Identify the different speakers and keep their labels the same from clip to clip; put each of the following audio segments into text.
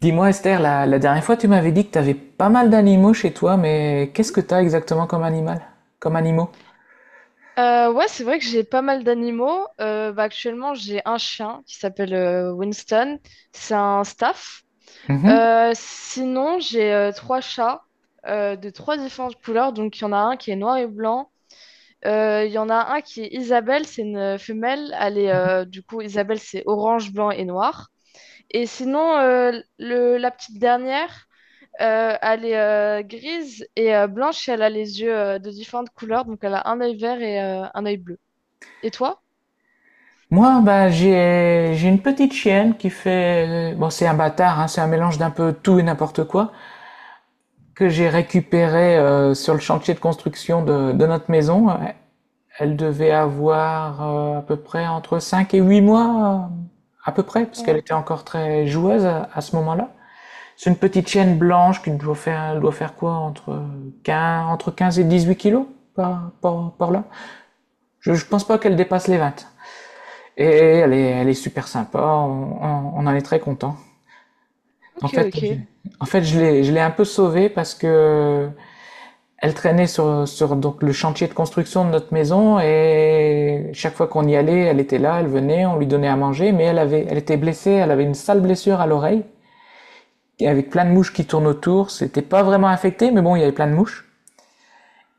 Speaker 1: Dis-moi Esther, la dernière fois tu m'avais dit que tu avais pas mal d'animaux chez toi, mais qu'est-ce que t'as exactement comme animal? Comme animaux?
Speaker 2: Ouais, c'est vrai que j'ai pas mal d'animaux. Bah, actuellement, j'ai un chien qui s'appelle Winston. C'est un staff.
Speaker 1: Mhm.
Speaker 2: Sinon, j'ai trois chats de trois différentes couleurs. Donc, il y en a un qui est noir et blanc. Il y en a un qui est Isabelle, c'est une femelle. Elle est, du coup, Isabelle, c'est orange, blanc et noir. Et sinon, la petite dernière, elle est grise et blanche et elle a les yeux de différentes couleurs. Donc, elle a un œil vert et un œil bleu. Et toi?
Speaker 1: Moi, bah, j'ai une petite chienne qui fait bon, c'est un bâtard, hein, c'est un mélange d'un peu tout et n'importe quoi que j'ai récupéré sur le chantier de construction de notre maison. Elle devait avoir à peu près entre 5 et 8 mois, à peu près, parce qu'elle
Speaker 2: Ouais.
Speaker 1: était encore très joueuse à ce moment-là. C'est une petite chienne blanche qui doit faire quoi entre 15, entre 15 et 18 kilos par là. Je pense pas qu'elle dépasse les 20. Et elle est super sympa, on en est très content. En
Speaker 2: Ok,
Speaker 1: fait,
Speaker 2: ok.
Speaker 1: en fait je l'ai un peu sauvée parce que elle traînait sur donc, le chantier de construction de notre maison et chaque fois qu'on y allait, elle était là, elle venait, on lui donnait à manger, mais elle était blessée, elle avait une sale blessure à l'oreille avec plein de mouches qui tournent autour. C'était pas vraiment infecté, mais bon, il y avait plein de mouches.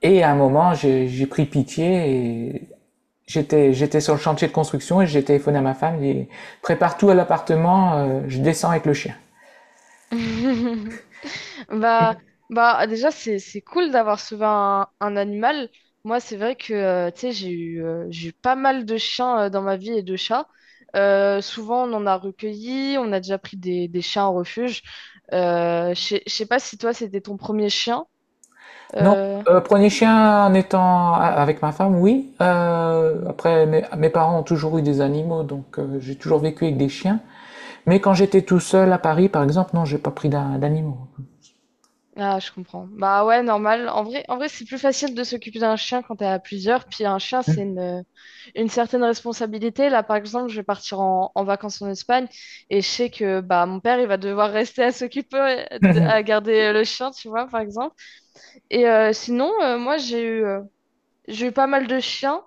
Speaker 1: Et à un moment, j'ai pris pitié et j'étais sur le chantier de construction et j'ai téléphoné à ma femme, j'ai dit prépare tout à l'appartement, je descends avec le chien.
Speaker 2: Bah, bah, déjà, c'est cool d'avoir sauvé un animal. Moi, c'est vrai que, tu sais, j'ai eu pas mal de chiens, dans ma vie et de chats. Souvent, on en a recueilli, on a déjà pris des chiens en refuge. Je sais pas si toi, c'était ton premier chien.
Speaker 1: Non,
Speaker 2: euh,
Speaker 1: prenez chien en étant avec ma femme, oui. Après, mes parents ont toujours eu des animaux, donc j'ai toujours vécu avec des chiens. Mais quand j'étais tout seul à Paris, par exemple, non, j'ai pas pris d'animaux.
Speaker 2: Ah, je comprends. Bah, ouais, normal. En vrai, c'est plus facile de s'occuper d'un chien quand t'es à plusieurs. Puis un chien, c'est une certaine responsabilité. Là, par exemple, je vais partir en vacances en Espagne et je sais que bah mon père, il va devoir rester à s'occuper, à garder le chien, tu vois, par exemple. Et sinon, moi, j'ai eu pas mal de chiens.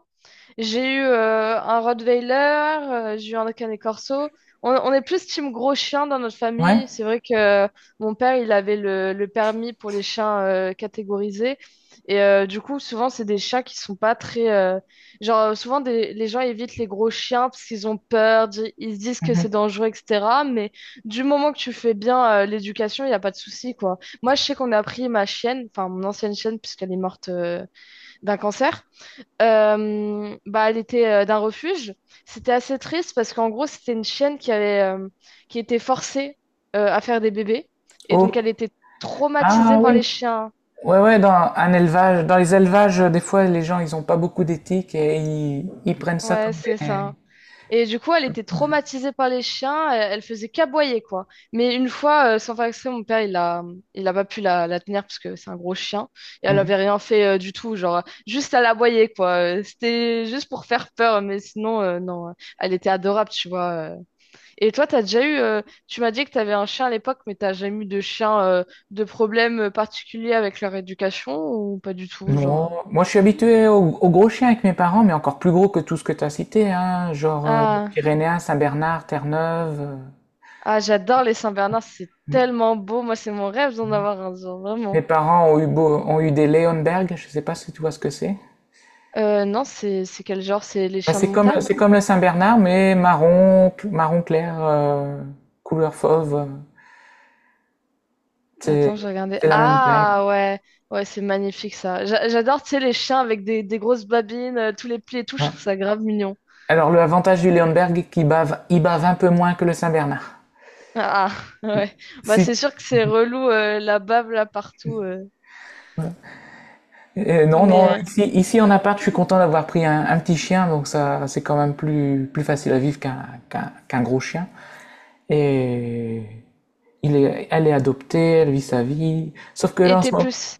Speaker 2: J'ai eu un Rottweiler. J'ai eu un Canet Corso. On est plus team gros chien dans notre
Speaker 1: Ouais.
Speaker 2: famille. C'est vrai que mon père, il avait le permis pour les chiens catégorisés. Et du coup, souvent, c'est des chats qui sont pas très... Genre, souvent, les gens évitent les gros chiens parce qu'ils ont peur, ils se disent que c'est
Speaker 1: Mhm.
Speaker 2: dangereux, etc. Mais du moment que tu fais bien l'éducation, il n'y a pas de souci, quoi. Moi, je sais qu'on a pris ma chienne, enfin mon ancienne chienne, puisqu'elle est morte d'un cancer. Bah, elle était d'un refuge. C'était assez triste parce qu'en gros, c'était une chienne qui était forcée à faire des bébés. Et donc,
Speaker 1: Oh.
Speaker 2: elle était traumatisée
Speaker 1: Ah
Speaker 2: par
Speaker 1: oui.
Speaker 2: les chiens.
Speaker 1: Ouais, ouais, dans un élevage, dans les élevages, des fois, les gens, ils, ont pas beaucoup d'éthique et ils prennent ça
Speaker 2: Ouais,
Speaker 1: comme
Speaker 2: c'est
Speaker 1: des...
Speaker 2: ça. Et du coup, elle était traumatisée par les chiens. Elle faisait qu'aboyer, quoi. Mais une fois, sans faire exprès, mon père, il a pas pu la tenir parce que c'est un gros chien. Et elle avait rien fait du tout. Genre, juste à l'aboyer, quoi. C'était juste pour faire peur. Mais sinon, non. Elle était adorable, tu vois. Et toi, tu m'as dit que t'avais un chien à l'époque, mais t'as jamais eu de problème particulier avec leur éducation ou pas du tout, genre.
Speaker 1: Non, moi, je suis habitué aux au gros chiens avec mes parents, mais encore plus gros que tout ce que tu as cité, hein, genre
Speaker 2: Ah,
Speaker 1: Pyrénéen, Saint-Bernard, Terre-Neuve.
Speaker 2: ah, j'adore les Saint-Bernard, c'est
Speaker 1: Mes
Speaker 2: tellement beau. Moi, c'est mon rêve d'en avoir un, genre
Speaker 1: mes
Speaker 2: vraiment.
Speaker 1: parents ont eu des Leonberg, je sais pas si tu vois ce que c'est.
Speaker 2: Non, c'est quel genre? C'est les
Speaker 1: Bah,
Speaker 2: chiens de
Speaker 1: c'est comme,
Speaker 2: montagne?
Speaker 1: c'est comme le Saint-Bernard, mais marron, marron clair, couleur fauve.
Speaker 2: Attends, je
Speaker 1: C'est
Speaker 2: regardais.
Speaker 1: c'est la même taille.
Speaker 2: Ah, ouais, ouais, c'est magnifique ça. J'adore, tu sais, les chiens avec des grosses babines, tous les plis et tout, je
Speaker 1: Ouais.
Speaker 2: trouve ça grave mignon.
Speaker 1: Alors le avantage du Léonberg qui bave, il bave un peu moins que le Saint-Bernard.
Speaker 2: Ah, ouais, bah
Speaker 1: Si,
Speaker 2: c'est sûr que c'est relou la bave là partout.
Speaker 1: non, non,
Speaker 2: Mais euh,
Speaker 1: ici en appart, je suis content d'avoir pris un petit chien, donc ça, c'est quand même plus facile à vivre qu'un gros chien. Et elle est adoptée, elle vit sa vie. Sauf que
Speaker 2: Et
Speaker 1: là, en
Speaker 2: t'es
Speaker 1: ce moment,
Speaker 2: plus...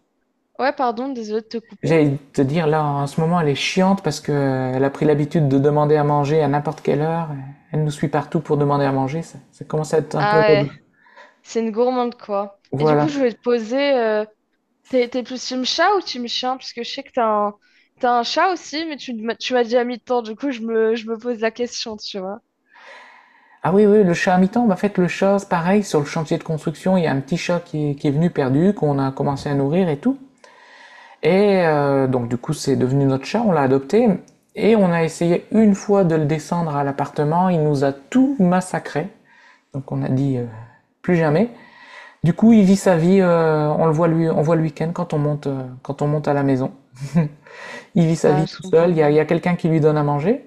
Speaker 2: Ouais, pardon, désolée de te couper.
Speaker 1: j'allais te dire, là, en ce moment, elle est chiante parce que elle a pris l'habitude de demander à manger à n'importe quelle heure. Elle nous suit partout pour demander à manger. Ça commence à être un
Speaker 2: Ah,
Speaker 1: peu relou.
Speaker 2: ouais, c'est une gourmande, quoi. Et du coup,
Speaker 1: Voilà.
Speaker 2: je voulais te poser... t'es plus team chat ou team chien? Parce que je sais que t'as un chat aussi, mais tu m'as déjà mis de temps. Du coup, je me pose la question, tu vois.
Speaker 1: Ah oui, oui, le chat à mi-temps, bah, en fait, le chat, c'est pareil, sur le chantier de construction, il y a un petit chat qui est venu perdu, qu'on a commencé à nourrir et tout. Et donc, du coup, c'est devenu notre chat, on l'a adopté, et on a essayé une fois de le descendre à l'appartement, il nous a tout massacré. Donc, on a dit plus jamais. Du coup, il vit sa vie, on le voit lui, on voit le week-end quand on monte à la maison. Il vit sa
Speaker 2: Ah,
Speaker 1: vie
Speaker 2: je
Speaker 1: tout seul,
Speaker 2: comprends.
Speaker 1: il y a quelqu'un qui lui donne à manger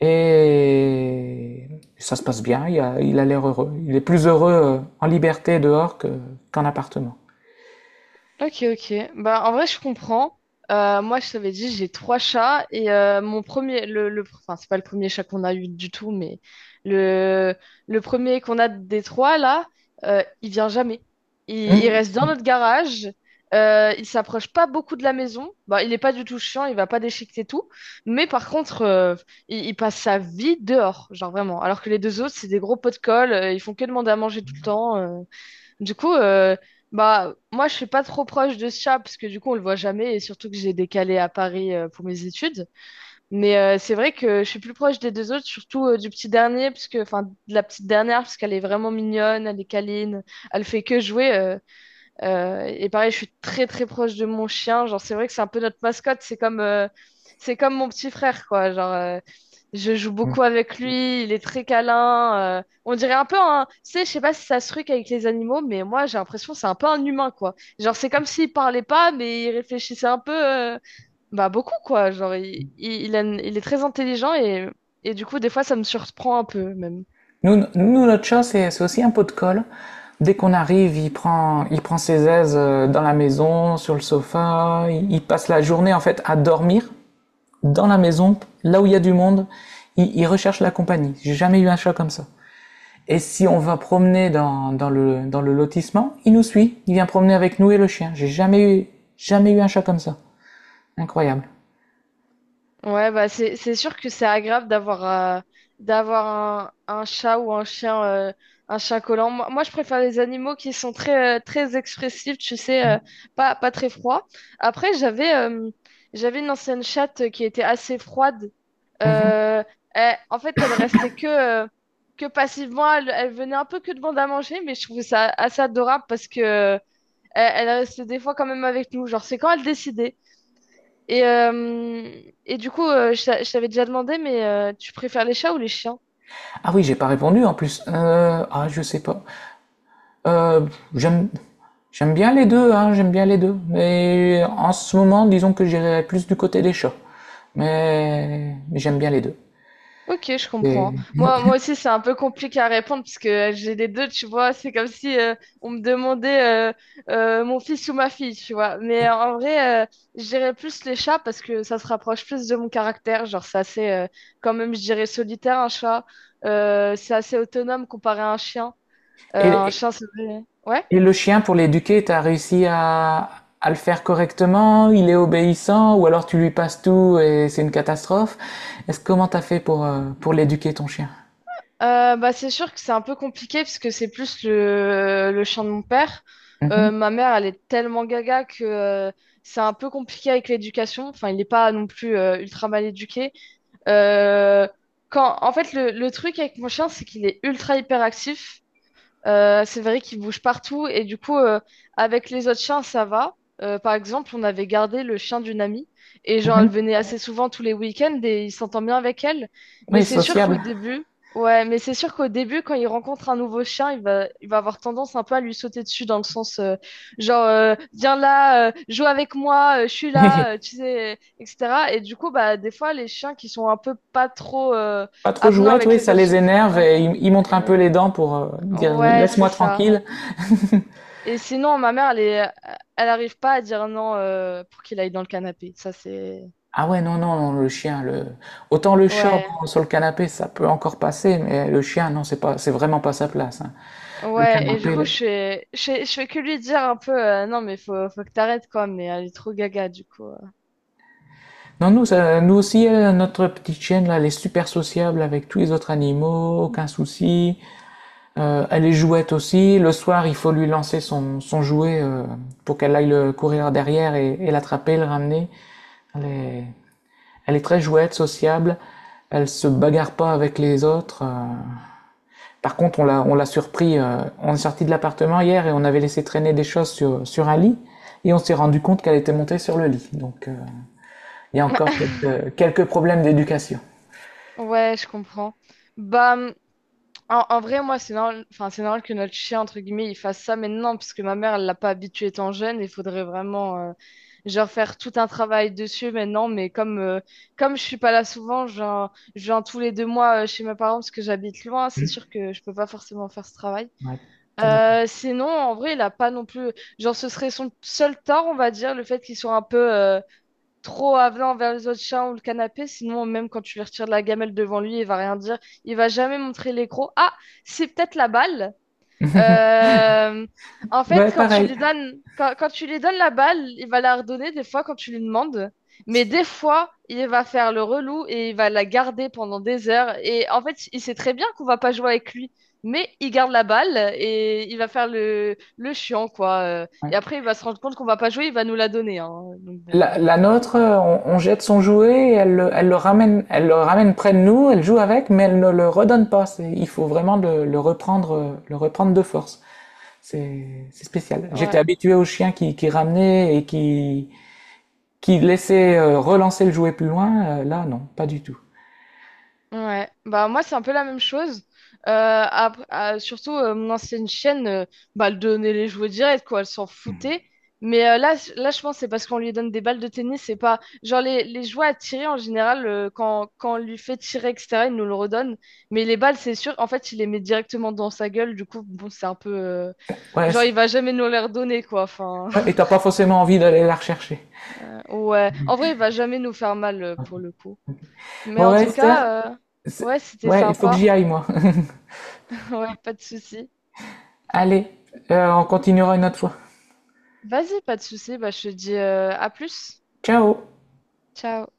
Speaker 1: et ça se passe bien, il a l'air heureux. Il est plus heureux en liberté dehors qu'en appartement.
Speaker 2: Ok, ok. Bah, en vrai, je comprends. Moi, je t'avais dit, j'ai trois chats et mon premier, enfin, c'est pas le premier chat qu'on a eu du tout, mais le, le premier qu'on a des trois là, il vient jamais. Il
Speaker 1: Hmm.
Speaker 2: reste dans notre garage. Il s'approche pas beaucoup de la maison. Bah, il est pas du tout chiant, il va pas déchiqueter tout. Mais par contre, il passe sa vie dehors, genre vraiment. Alors que les deux autres, c'est des gros pots de colle, ils font que demander à manger tout le temps. Du coup, bah, moi, je suis pas trop proche de ce chat parce que du coup, on le voit jamais et surtout que j'ai décalé à Paris pour mes études. Mais c'est vrai que je suis plus proche des deux autres, surtout du petit dernier, parce que, enfin, de la petite dernière, parce qu'elle est vraiment mignonne, elle est câline, elle fait que jouer. Et pareil, je suis très très proche de mon chien. Genre, c'est vrai que c'est un peu notre mascotte. C'est comme mon petit frère, quoi. Genre, je joue
Speaker 1: Hmm.
Speaker 2: beaucoup avec lui. Il est très câlin. On dirait un peu un. Tu sais, je sais pas si ça se truc avec les animaux, mais moi, j'ai l'impression que c'est un peu un humain, quoi. Genre, c'est comme s'il parlait pas, mais il réfléchissait un peu, bah, beaucoup, quoi. Genre, il a il est très intelligent et du coup, des fois, ça me surprend un peu, même.
Speaker 1: Nous, notre chat, c'est aussi un pot de colle. Dès qu'on arrive, il prend ses aises dans la maison, sur le sofa. Il passe la journée en fait à dormir dans la maison, là où il y a du monde. Il recherche la compagnie. J'ai jamais eu un chat comme ça. Et si on va promener dans le lotissement, il nous suit, il vient promener avec nous et le chien. J'ai jamais eu, jamais eu un chat comme ça. Incroyable.
Speaker 2: Ouais, bah c'est sûr que c'est agréable euh, d'avoir un chat ou un chien collant. Moi, je préfère les animaux qui sont très expressifs, tu sais, pas très froids. Après, j'avais une ancienne chatte qui était assez froide. Euh, En fait, elle restait que passivement. Elle venait un peu que demander à manger, mais je trouvais ça assez adorable parce que elle restait des fois quand même avec nous. Genre, c'est quand elle décidait. Et, euh, et du coup, je t'avais déjà demandé, mais tu préfères les chats ou les chiens?
Speaker 1: Ah oui, j'ai pas répondu en plus. Ah, je sais pas. Euh, j'aime, j'aime bien les deux, hein, j'aime bien les deux. Mais en ce moment, disons que j'irais plus du côté des chats. Mais j'aime bien les deux.
Speaker 2: Ok, je comprends.
Speaker 1: Et,
Speaker 2: Moi aussi, c'est un peu compliqué à répondre parce que j'ai les deux, tu vois. C'est comme si on me demandait mon fils ou ma fille, tu vois. Mais
Speaker 1: et-
Speaker 2: en vrai, je dirais plus les chats parce que ça se rapproche plus de mon caractère. Genre, c'est assez, quand même, je dirais solitaire, un chat. C'est assez autonome comparé à un chien. Un
Speaker 1: et-
Speaker 2: chien, c'est... Ouais?
Speaker 1: Et le chien pour l'éduquer, t'as réussi à le faire correctement? Il est obéissant? Ou alors tu lui passes tout et c'est une catastrophe? Est-ce comment t'as fait pour l'éduquer ton chien?
Speaker 2: Bah, c'est sûr que c'est un peu compliqué parce que c'est plus le chien de mon père.
Speaker 1: Mhm.
Speaker 2: Ma mère, elle est tellement gaga que c'est un peu compliqué avec l'éducation. Enfin, il n'est pas non plus ultra mal éduqué. Euh, En fait, le truc avec mon chien, c'est qu'il est ultra hyperactif. C'est vrai qu'il bouge partout et du coup, avec les autres chiens, ça va. Par exemple, on avait gardé le chien d'une amie et genre, elle venait assez souvent tous les week-ends et il s'entend bien avec elle. Mais
Speaker 1: Oui,
Speaker 2: c'est sûr qu'au
Speaker 1: sociable.
Speaker 2: début, ouais, mais c'est sûr qu'au début, quand il rencontre un nouveau chien, il va avoir tendance un peu à lui sauter dessus dans le sens genre, viens là, joue avec moi, je suis là, tu sais, etc. Et du coup, bah, des fois, les chiens qui sont un peu pas trop
Speaker 1: Pas trop
Speaker 2: avenants
Speaker 1: jouette,
Speaker 2: avec
Speaker 1: oui,
Speaker 2: les
Speaker 1: ça
Speaker 2: autres.
Speaker 1: les énerve
Speaker 2: Ouais,
Speaker 1: et ils montrent un
Speaker 2: euh,
Speaker 1: peu les dents pour dire
Speaker 2: ouais, c'est
Speaker 1: laisse-moi
Speaker 2: ça.
Speaker 1: tranquille.
Speaker 2: Et sinon, ma mère, elle est... elle arrive pas à dire non pour qu'il aille dans le canapé. Ça, c'est...
Speaker 1: Ah ouais, non, non, non, le chien, le... autant le chat
Speaker 2: Ouais,
Speaker 1: bon, sur le canapé, ça peut encore passer, mais le chien, non, c'est pas, c'est vraiment pas sa place, hein. Le
Speaker 2: ouais. Et du
Speaker 1: canapé,
Speaker 2: coup,
Speaker 1: le-
Speaker 2: je fais que lui dire un peu non, mais faut que t'arrêtes, quoi. Mais elle est trop gaga, du coup.
Speaker 1: Non, nous, nous aussi, notre petite chienne, là, elle est super sociable avec tous les autres animaux, aucun souci. Elle est jouette aussi. Le soir, il faut lui lancer son jouet pour qu'elle aille le courir derrière et l'attraper, le ramener. Elle est, elle est très jouette, sociable. Elle se bagarre pas avec les autres. Par contre, on l'a surpris. On est sorti de l'appartement hier et on avait laissé traîner des choses sur un lit. Et on s'est rendu compte qu'elle était montée sur le lit. Donc, il y a encore quelques problèmes d'éducation.
Speaker 2: Ouais, je comprends. Bah, en vrai, moi, c'est normal, enfin, c'est normal que notre chien, entre guillemets, il fasse ça maintenant, puisque ma mère, elle l'a pas habitué étant jeune. Il faudrait vraiment, genre, faire tout un travail dessus maintenant. Mais comme je suis pas là souvent, genre, je viens tous les 2 mois chez mes parents parce que j'habite loin, c'est sûr que je peux pas forcément faire ce travail.
Speaker 1: Ouais, tout à fait.
Speaker 2: Sinon, en vrai, il a pas non plus, genre, ce serait son seul tort, on va dire, le fait qu'il soit un peu, trop avenant vers les autres chiens ou le canapé, sinon même quand tu lui retires de la gamelle devant lui, il va rien dire, il va jamais montrer les crocs. Ah, c'est peut-être la balle. Euh, En fait,
Speaker 1: Ouais,
Speaker 2: quand tu
Speaker 1: pareil.
Speaker 2: lui donnes, quand, quand tu lui donnes la balle, il va la redonner des fois quand tu lui demandes. Mais des fois, il va faire le relou et il va la garder pendant des heures. Et en fait, il sait très bien qu'on va pas jouer avec lui, mais il garde la balle et il va faire le chiant, quoi. Euh,
Speaker 1: Ouais.
Speaker 2: Et après, il va se rendre compte qu'on va pas jouer, il va nous la donner, hein. Donc bon,
Speaker 1: La nôtre, on jette son jouet, et elle le ramène près de nous, elle joue avec, mais elle ne le redonne pas. Il faut vraiment le reprendre de force. C'est spécial. J'étais
Speaker 2: ouais.
Speaker 1: habitué aux chiens qui ramenaient et qui laissaient relancer le jouet plus loin. Là, non, pas du tout.
Speaker 2: Ouais, bah moi c'est un peu la même chose. Euh, Surtout mon ancienne chaîne, bah elle donnait les jouets directs quoi, elle s'en foutait. Mais là, là je pense que c'est parce qu'on lui donne des balles de tennis, c'est pas genre les jouets à tirer en général quand on lui fait tirer, etc., il nous le redonne. Mais les balles c'est sûr, en fait il les met directement dans sa gueule, du coup bon c'est un peu
Speaker 1: Ouais,
Speaker 2: genre il va jamais nous les redonner quoi. Enfin
Speaker 1: ouais, et t'as pas forcément envie d'aller la rechercher.
Speaker 2: ouais, en vrai il va jamais nous faire mal pour le coup. Mais
Speaker 1: Bon,
Speaker 2: en
Speaker 1: ouais,
Speaker 2: tout
Speaker 1: Esther,
Speaker 2: cas
Speaker 1: c'est-
Speaker 2: ouais, c'était
Speaker 1: ouais, il faut que
Speaker 2: sympa.
Speaker 1: j'y aille, moi.
Speaker 2: Ouais, pas de souci.
Speaker 1: Allez, on continuera une autre fois.
Speaker 2: Vas-y, pas de souci. Bah, je te dis à plus.
Speaker 1: Ciao!
Speaker 2: Ciao.